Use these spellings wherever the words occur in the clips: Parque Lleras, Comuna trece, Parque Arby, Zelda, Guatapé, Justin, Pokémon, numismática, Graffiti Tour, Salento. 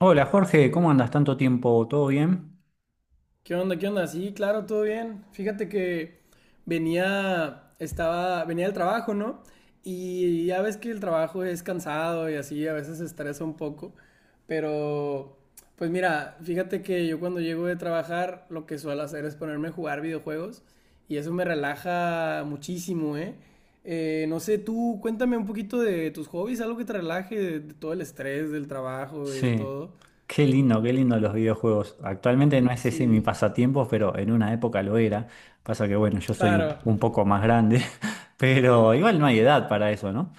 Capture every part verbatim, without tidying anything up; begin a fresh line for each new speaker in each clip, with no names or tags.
Hola Jorge, ¿cómo andas? ¿Tanto tiempo? ¿Todo bien?
¿Qué onda? ¿Qué onda? Sí, claro, todo bien. Fíjate que venía, estaba, venía del trabajo, ¿no? Y ya ves que el trabajo es cansado y así, a veces estresa un poco. Pero, pues mira, fíjate que yo cuando llego de trabajar, lo que suelo hacer es ponerme a jugar videojuegos y eso me relaja muchísimo, ¿eh? Eh, no sé, tú cuéntame un poquito de tus hobbies, algo que te relaje de, de todo el estrés del trabajo y de
Sí,
todo.
qué lindo, qué lindo los videojuegos. Actualmente no es ese mi
Sí,
pasatiempo, pero en una época lo era. Pasa que bueno, yo soy
claro.
un un poco más grande, pero igual no hay edad para eso, ¿no?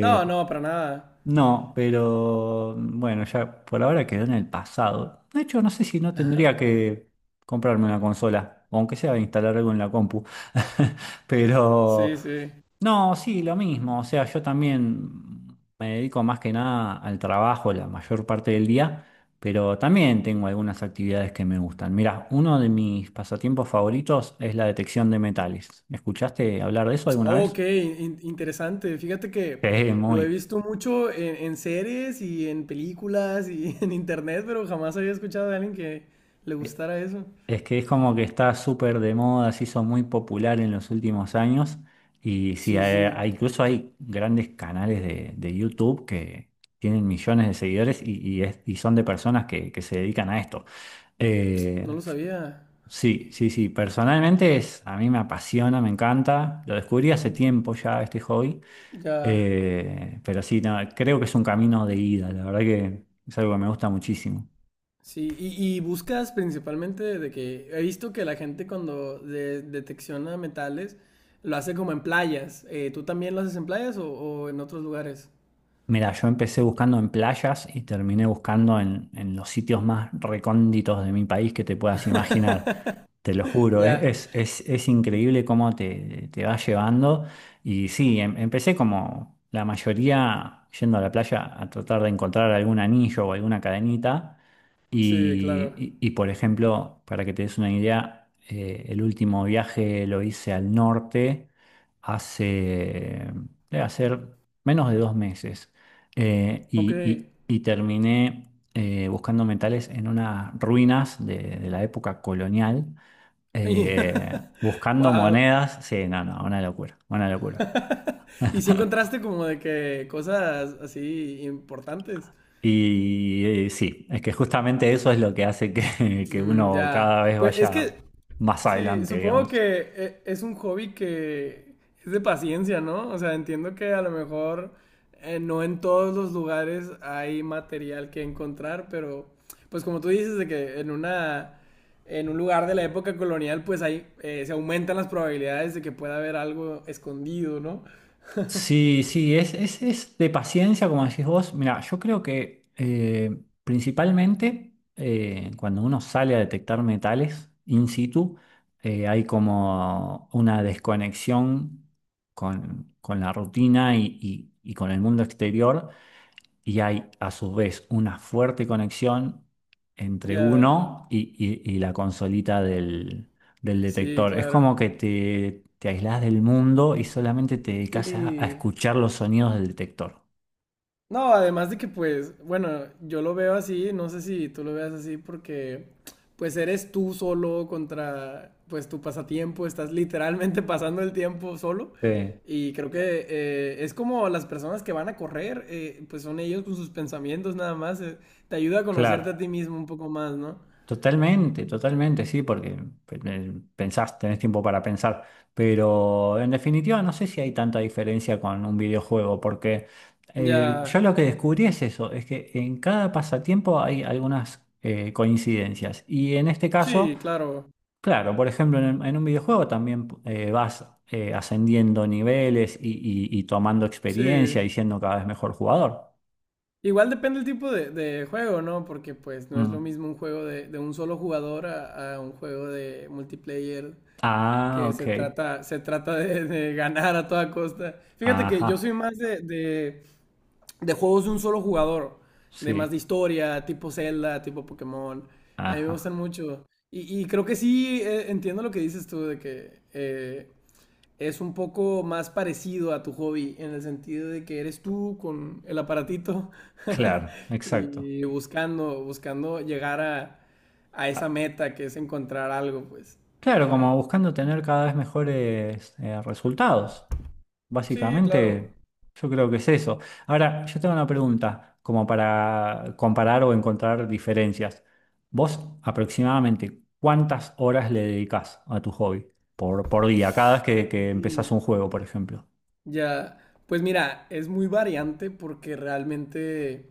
No, no, para nada.
no, pero bueno, ya por ahora quedó en el pasado. De hecho, no sé si no tendría que comprarme una consola, aunque sea instalar algo en la compu. Pero
Sí, sí.
no, sí, lo mismo. O sea, yo también me dedico más que nada al trabajo la mayor parte del día, pero también tengo algunas actividades que me gustan. Mira, uno de mis pasatiempos favoritos es la detección de metales. ¿Escuchaste hablar de eso alguna
Oh,
vez?
ok, in- interesante. Fíjate que
Sí,
lo he
muy.
visto mucho en, en series y en películas y en internet, pero jamás había escuchado de alguien que le gustara eso.
Es que es como que está súper de moda, se hizo muy popular en los últimos años y sí,
Sí,
hay-
sí,
hay- incluso hay grandes canales de, de YouTube que tienen millones de seguidores y, y es- y son de personas que, que se dedican a esto. Eh,
no lo sabía.
sí, sí, sí, personalmente es, a mí me apasiona, me encanta, lo descubrí hace tiempo ya este hobby,
Ya.
eh, pero sí, no, creo que es un camino de ida, la verdad que es algo que me gusta muchísimo.
Sí, y, y buscas principalmente de que he visto que la gente cuando de- detecciona metales lo hace como en playas. Eh, ¿tú también lo haces en playas o, o en otros lugares?
Mira, yo empecé buscando en playas y terminé buscando en, en los sitios más recónditos de mi país que te puedas imaginar. Te lo juro, es,
Ya,
es, es- es increíble cómo te, te va llevando. Y sí, em- empecé como la mayoría yendo a la playa a tratar de encontrar algún anillo o alguna cadenita.
sí, claro.
Y, y- y, por ejemplo, para que te des una idea, eh, el último viaje lo hice al norte hace, debe hacer menos de dos meses. Eh,
Ok.
y, y- y terminé eh, buscando metales en unas ruinas de, de la época colonial, eh, buscando
Wow.
monedas. Sí, no, no, una locura, una locura.
¿Y si encontraste como de que cosas así importantes?
Y eh, sí, es que justamente eso es lo que hace que, que
Mm,
uno
ya.
cada vez
Pues es que,
vaya más
sí,
adelante,
supongo que
digamos.
eh, es un hobby que es de paciencia, ¿no? O sea, entiendo que a lo mejor eh, no en todos los lugares hay material que encontrar, pero pues como tú dices de que en una en un lugar de la época colonial, pues ahí eh, se aumentan las probabilidades de que pueda haber algo escondido, ¿no?
Sí, sí, es, es, es de paciencia, como decís vos. Mira, yo creo que eh, principalmente eh, cuando uno sale a detectar metales in situ, eh, hay como una desconexión con, con la rutina y, y- y con el mundo exterior y hay a su vez una fuerte conexión entre
Ya.
uno y, y- y la consolita del, del
Sí,
detector. Es
claro.
como que te, te aislás del mundo y solamente te dedicas a, a
Sí.
escuchar los sonidos del detector.
No, además de que pues, bueno, yo lo veo así, no sé si tú lo veas así porque pues eres tú solo contra pues tu pasatiempo, estás literalmente pasando el tiempo solo
Sí,
y creo que eh, es como las personas que van a correr, eh, pues son ellos con sus pensamientos nada más, eh, te ayuda a
claro.
conocerte a ti mismo un poco más, ¿no?
Totalmente, totalmente, sí, porque eh, pensás, tenés tiempo para pensar, pero en definitiva no sé si hay tanta diferencia con un videojuego, porque eh, yo
Ya,
lo que descubrí es eso, es que en cada pasatiempo hay algunas eh, coincidencias, y en este caso,
sí, claro,
claro, por ejemplo, en, en un videojuego también eh, vas eh, ascendiendo niveles y, y- y tomando
sí.
experiencia y siendo cada vez mejor jugador.
Igual depende el tipo de, de juego, ¿no? Porque pues no es lo
Mm.
mismo un juego de, de un solo jugador a, a un juego de multiplayer
Ah,
que
ok,
se trata, se trata de, de ganar a toda costa. Fíjate que
ajá,
yo soy más de, de, de juegos de un solo jugador, de más de
sí,
historia, tipo Zelda, tipo Pokémon. A mí me gustan
ajá.
mucho. Y, y creo que sí eh, entiendo lo que dices tú de que eh, es un poco más parecido a tu hobby, en el sentido de que eres tú con el aparatito
Claro, exacto.
y buscando, buscando llegar a, a
Ah,
esa meta que es encontrar algo, pues.
claro, como buscando tener cada vez mejores eh, resultados.
Sí, claro.
Básicamente, yo creo que es eso. Ahora, yo tengo una pregunta, como para comparar o encontrar diferencias. ¿Vos aproximadamente cuántas horas le dedicás a tu hobby por, por día, cada vez que, que
Y
empezás un juego, por ejemplo?
ya, pues mira, es muy variante porque realmente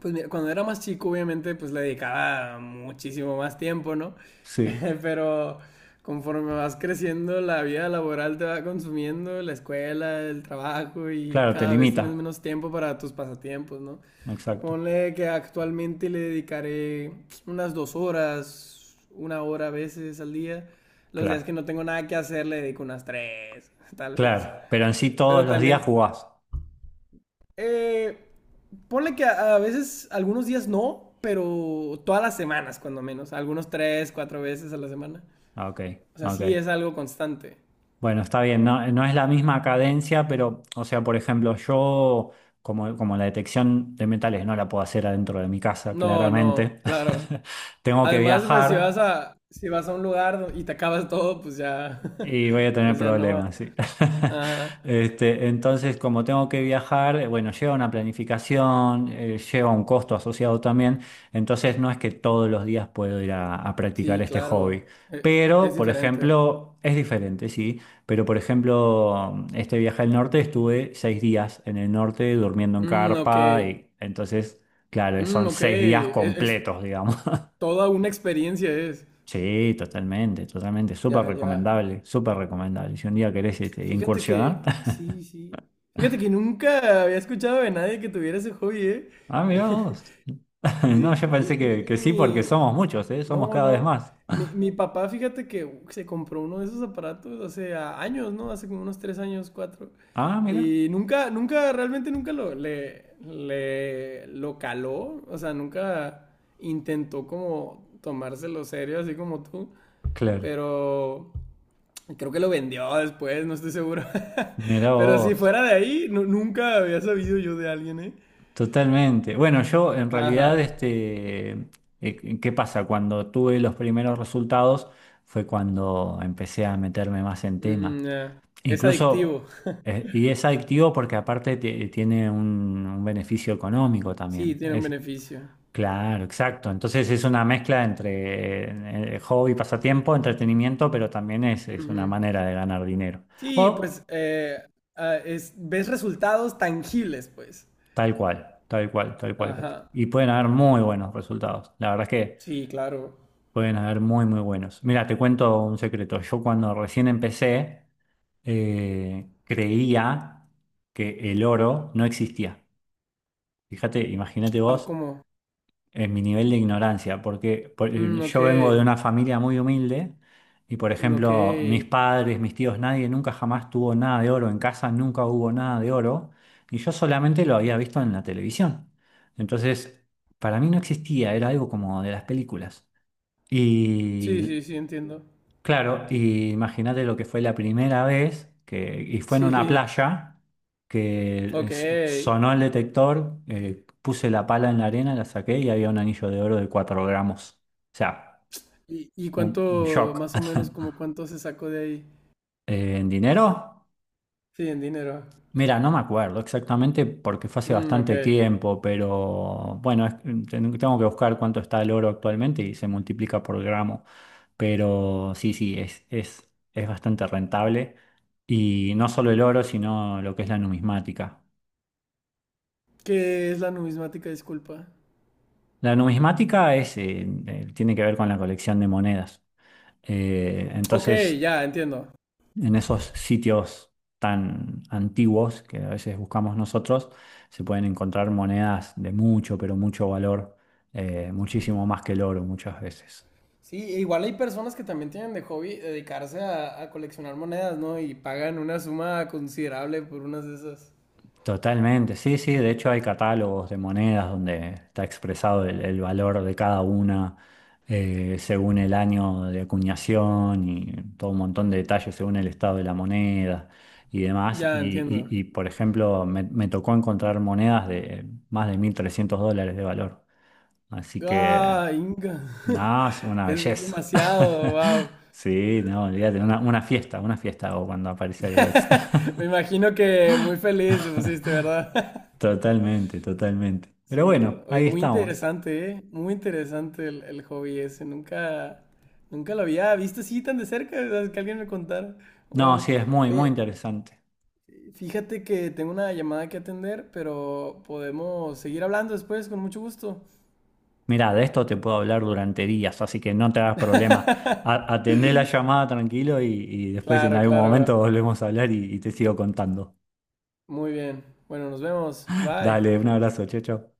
pues mira, cuando era más chico, obviamente, pues le dedicaba muchísimo más tiempo, ¿no?
Sí,
Pero conforme vas creciendo, la vida laboral te va consumiendo, la escuela, el trabajo y
claro, te
cada vez tienes
limita.
menos tiempo para tus pasatiempos, ¿no?
Exacto.
Ponle que actualmente le dedicaré unas dos horas, una hora a veces al día. Los días
Claro,
que no tengo nada que hacer le dedico unas tres, tal vez.
claro. Pero en sí todos
Pero
los días
también
jugás.
eh, ponle que a, a veces, algunos días no, pero todas las semanas, cuando menos. Algunos tres, cuatro veces a la semana.
Ah, ok,
O sea,
ok.
sí es algo constante.
Bueno, está bien, no, no es la misma cadencia, pero, o sea, por ejemplo, yo, como, como la detección de metales no la puedo hacer adentro de mi casa,
No, no,
claramente,
claro.
tengo que
Además, pues si vas
viajar.
a, si vas a un lugar y te acabas todo, pues ya,
Y voy a tener
pues ya no.
problemas, sí.
Ajá.
Este, entonces, como tengo que viajar, eh, bueno, lleva una planificación, eh, lleva un costo asociado también, entonces no es que todos los días puedo ir a, a practicar
Sí,
este hobby.
claro. Eh,
Pero,
Es
por
diferente.
ejemplo, es diferente, sí, pero por ejemplo, mm, este viaje al norte estuve seis días en el norte durmiendo en
Mm, ok.
carpa y entonces, claro,
Mm,
son
ok.
seis días
Es, es
completos, digamos.
toda una experiencia es.
Sí, totalmente, totalmente. Súper
Ya, ya.
recomendable, súper recomendable. Si un día querés este,
Fíjate
incursionar.
que, sí, sí. Fíjate que nunca había escuchado de nadie que tuviera ese hobby, ¿eh?
Ah, mirá vos. No,
Sí.
yo
Y,
pensé que,
y,
que
y
sí porque
mi...
somos muchos, ¿eh? Somos
No,
cada vez
no.
más.
Mi, mi papá, fíjate que se compró uno de esos aparatos hace a- años, ¿no? Hace como unos tres años, cuatro.
Ah, mira,
Y nunca, nunca, realmente nunca lo, le, le, lo caló. O sea, nunca intentó como tomárselo serio, así como tú.
claro.
Pero... Creo que lo vendió después, no estoy seguro.
Mirá
Pero si
vos.
fuera de ahí, nu- nunca había sabido yo de alguien, ¿eh?
Totalmente. Bueno, yo en realidad,
Ajá.
este, eh, ¿qué pasa? Cuando tuve los primeros resultados fue cuando empecé a meterme más en tema.
Mm, ya. Es adictivo.
Incluso, eh, y es adictivo porque aparte ti- tiene un, un beneficio económico
Sí,
también.
tiene un
Es,
beneficio.
claro, exacto. Entonces es una mezcla entre eh, eh, hobby, pasatiempo, entretenimiento, pero también es, es una
Ujú.
manera de ganar dinero.
Sí, pues
O
eh, ah, es, ves resultados tangibles, pues.
tal cual, tal cual, tal cual.
Ajá.
Y pueden haber muy buenos resultados. La verdad es que
Sí, claro.
pueden haber muy, muy buenos. Mira, te cuento un secreto. Yo cuando recién empecé, eh, creía que el oro no existía. Fíjate, imagínate
Ah,
vos
¿cómo?
en mi nivel de ignorancia, porque por-
Mm, ok.
yo vengo de una familia muy humilde y, por
Mm, ok.
ejemplo, mis padres, mis tíos, nadie nunca jamás tuvo nada de oro, en casa nunca hubo nada de oro y yo solamente lo había visto en la televisión. Entonces, para mí no existía, era algo como de las películas.
Sí,
Y
sí, sí, entiendo.
claro, y imagínate lo que fue la primera vez que, y fue en una
Sí.
playa que
Ok.
es- sonó el detector, eh, puse la pala en la arena, la saqué y había un anillo de oro de cuatro gramos. O sea,
¿Y, y
un un
cuánto,
shock.
más o menos, como cuánto se sacó de ahí?
Eh, ¿en dinero?
Sí, en dinero.
Mira, no me acuerdo exactamente porque fue hace
Mm, ok.
bastante tiempo, pero bueno, es- ten- tengo que buscar cuánto está el oro actualmente y se multiplica por gramo. Pero sí, sí, es, es, es bastante rentable. Y no solo el oro, sino lo que es la numismática.
¿Qué es la numismática? Disculpa.
La numismática es, eh, eh, tiene que ver con la colección de monedas. Eh,
Ok,
entonces,
ya, entiendo.
en esos sitios tan antiguos que a veces buscamos nosotros, se pueden encontrar monedas de mucho, pero mucho valor, eh, muchísimo más que el oro muchas veces.
Sí, e igual hay personas que también tienen de hobby dedicarse a, a coleccionar monedas, ¿no? Y pagan una suma considerable por unas de esas.
Totalmente, sí, sí, de hecho hay catálogos de monedas donde está expresado el, el valor de cada una eh, según el año de acuñación y todo un montón de detalles según el estado de la moneda y demás.
Ya,
Y,
entiendo.
y- y, por ejemplo, me, me tocó encontrar monedas de más de mil trescientos dólares de valor. Así que,
¡Ah, Inga!
nada, es una
Es
belleza.
demasiado, wow.
Sí, no, olvídate, una, una fiesta, una fiesta hago cuando aparece algo de eso.
Me imagino que muy feliz te pusiste, ¿verdad?
Totalmente, totalmente. Pero
Sí,
bueno,
oye,
ahí
muy
estamos.
interesante, ¿eh? Muy interesante el, el hobby ese. Nunca, nunca lo había visto así tan de cerca, o sea, que alguien me contara.
No,
Wow.
sí, es muy, muy
Oye,
interesante.
fíjate que tengo una llamada que atender, pero podemos seguir hablando después, con mucho gusto.
Mirá, de esto te puedo hablar durante días, así que no te hagas problema. A- Atendé la llamada tranquilo y, y después en
Claro,
algún momento
claro.
volvemos a hablar y, y te sigo contando.
Muy bien. Bueno, nos vemos. Bye.
Dale, un abrazo, chao, chao.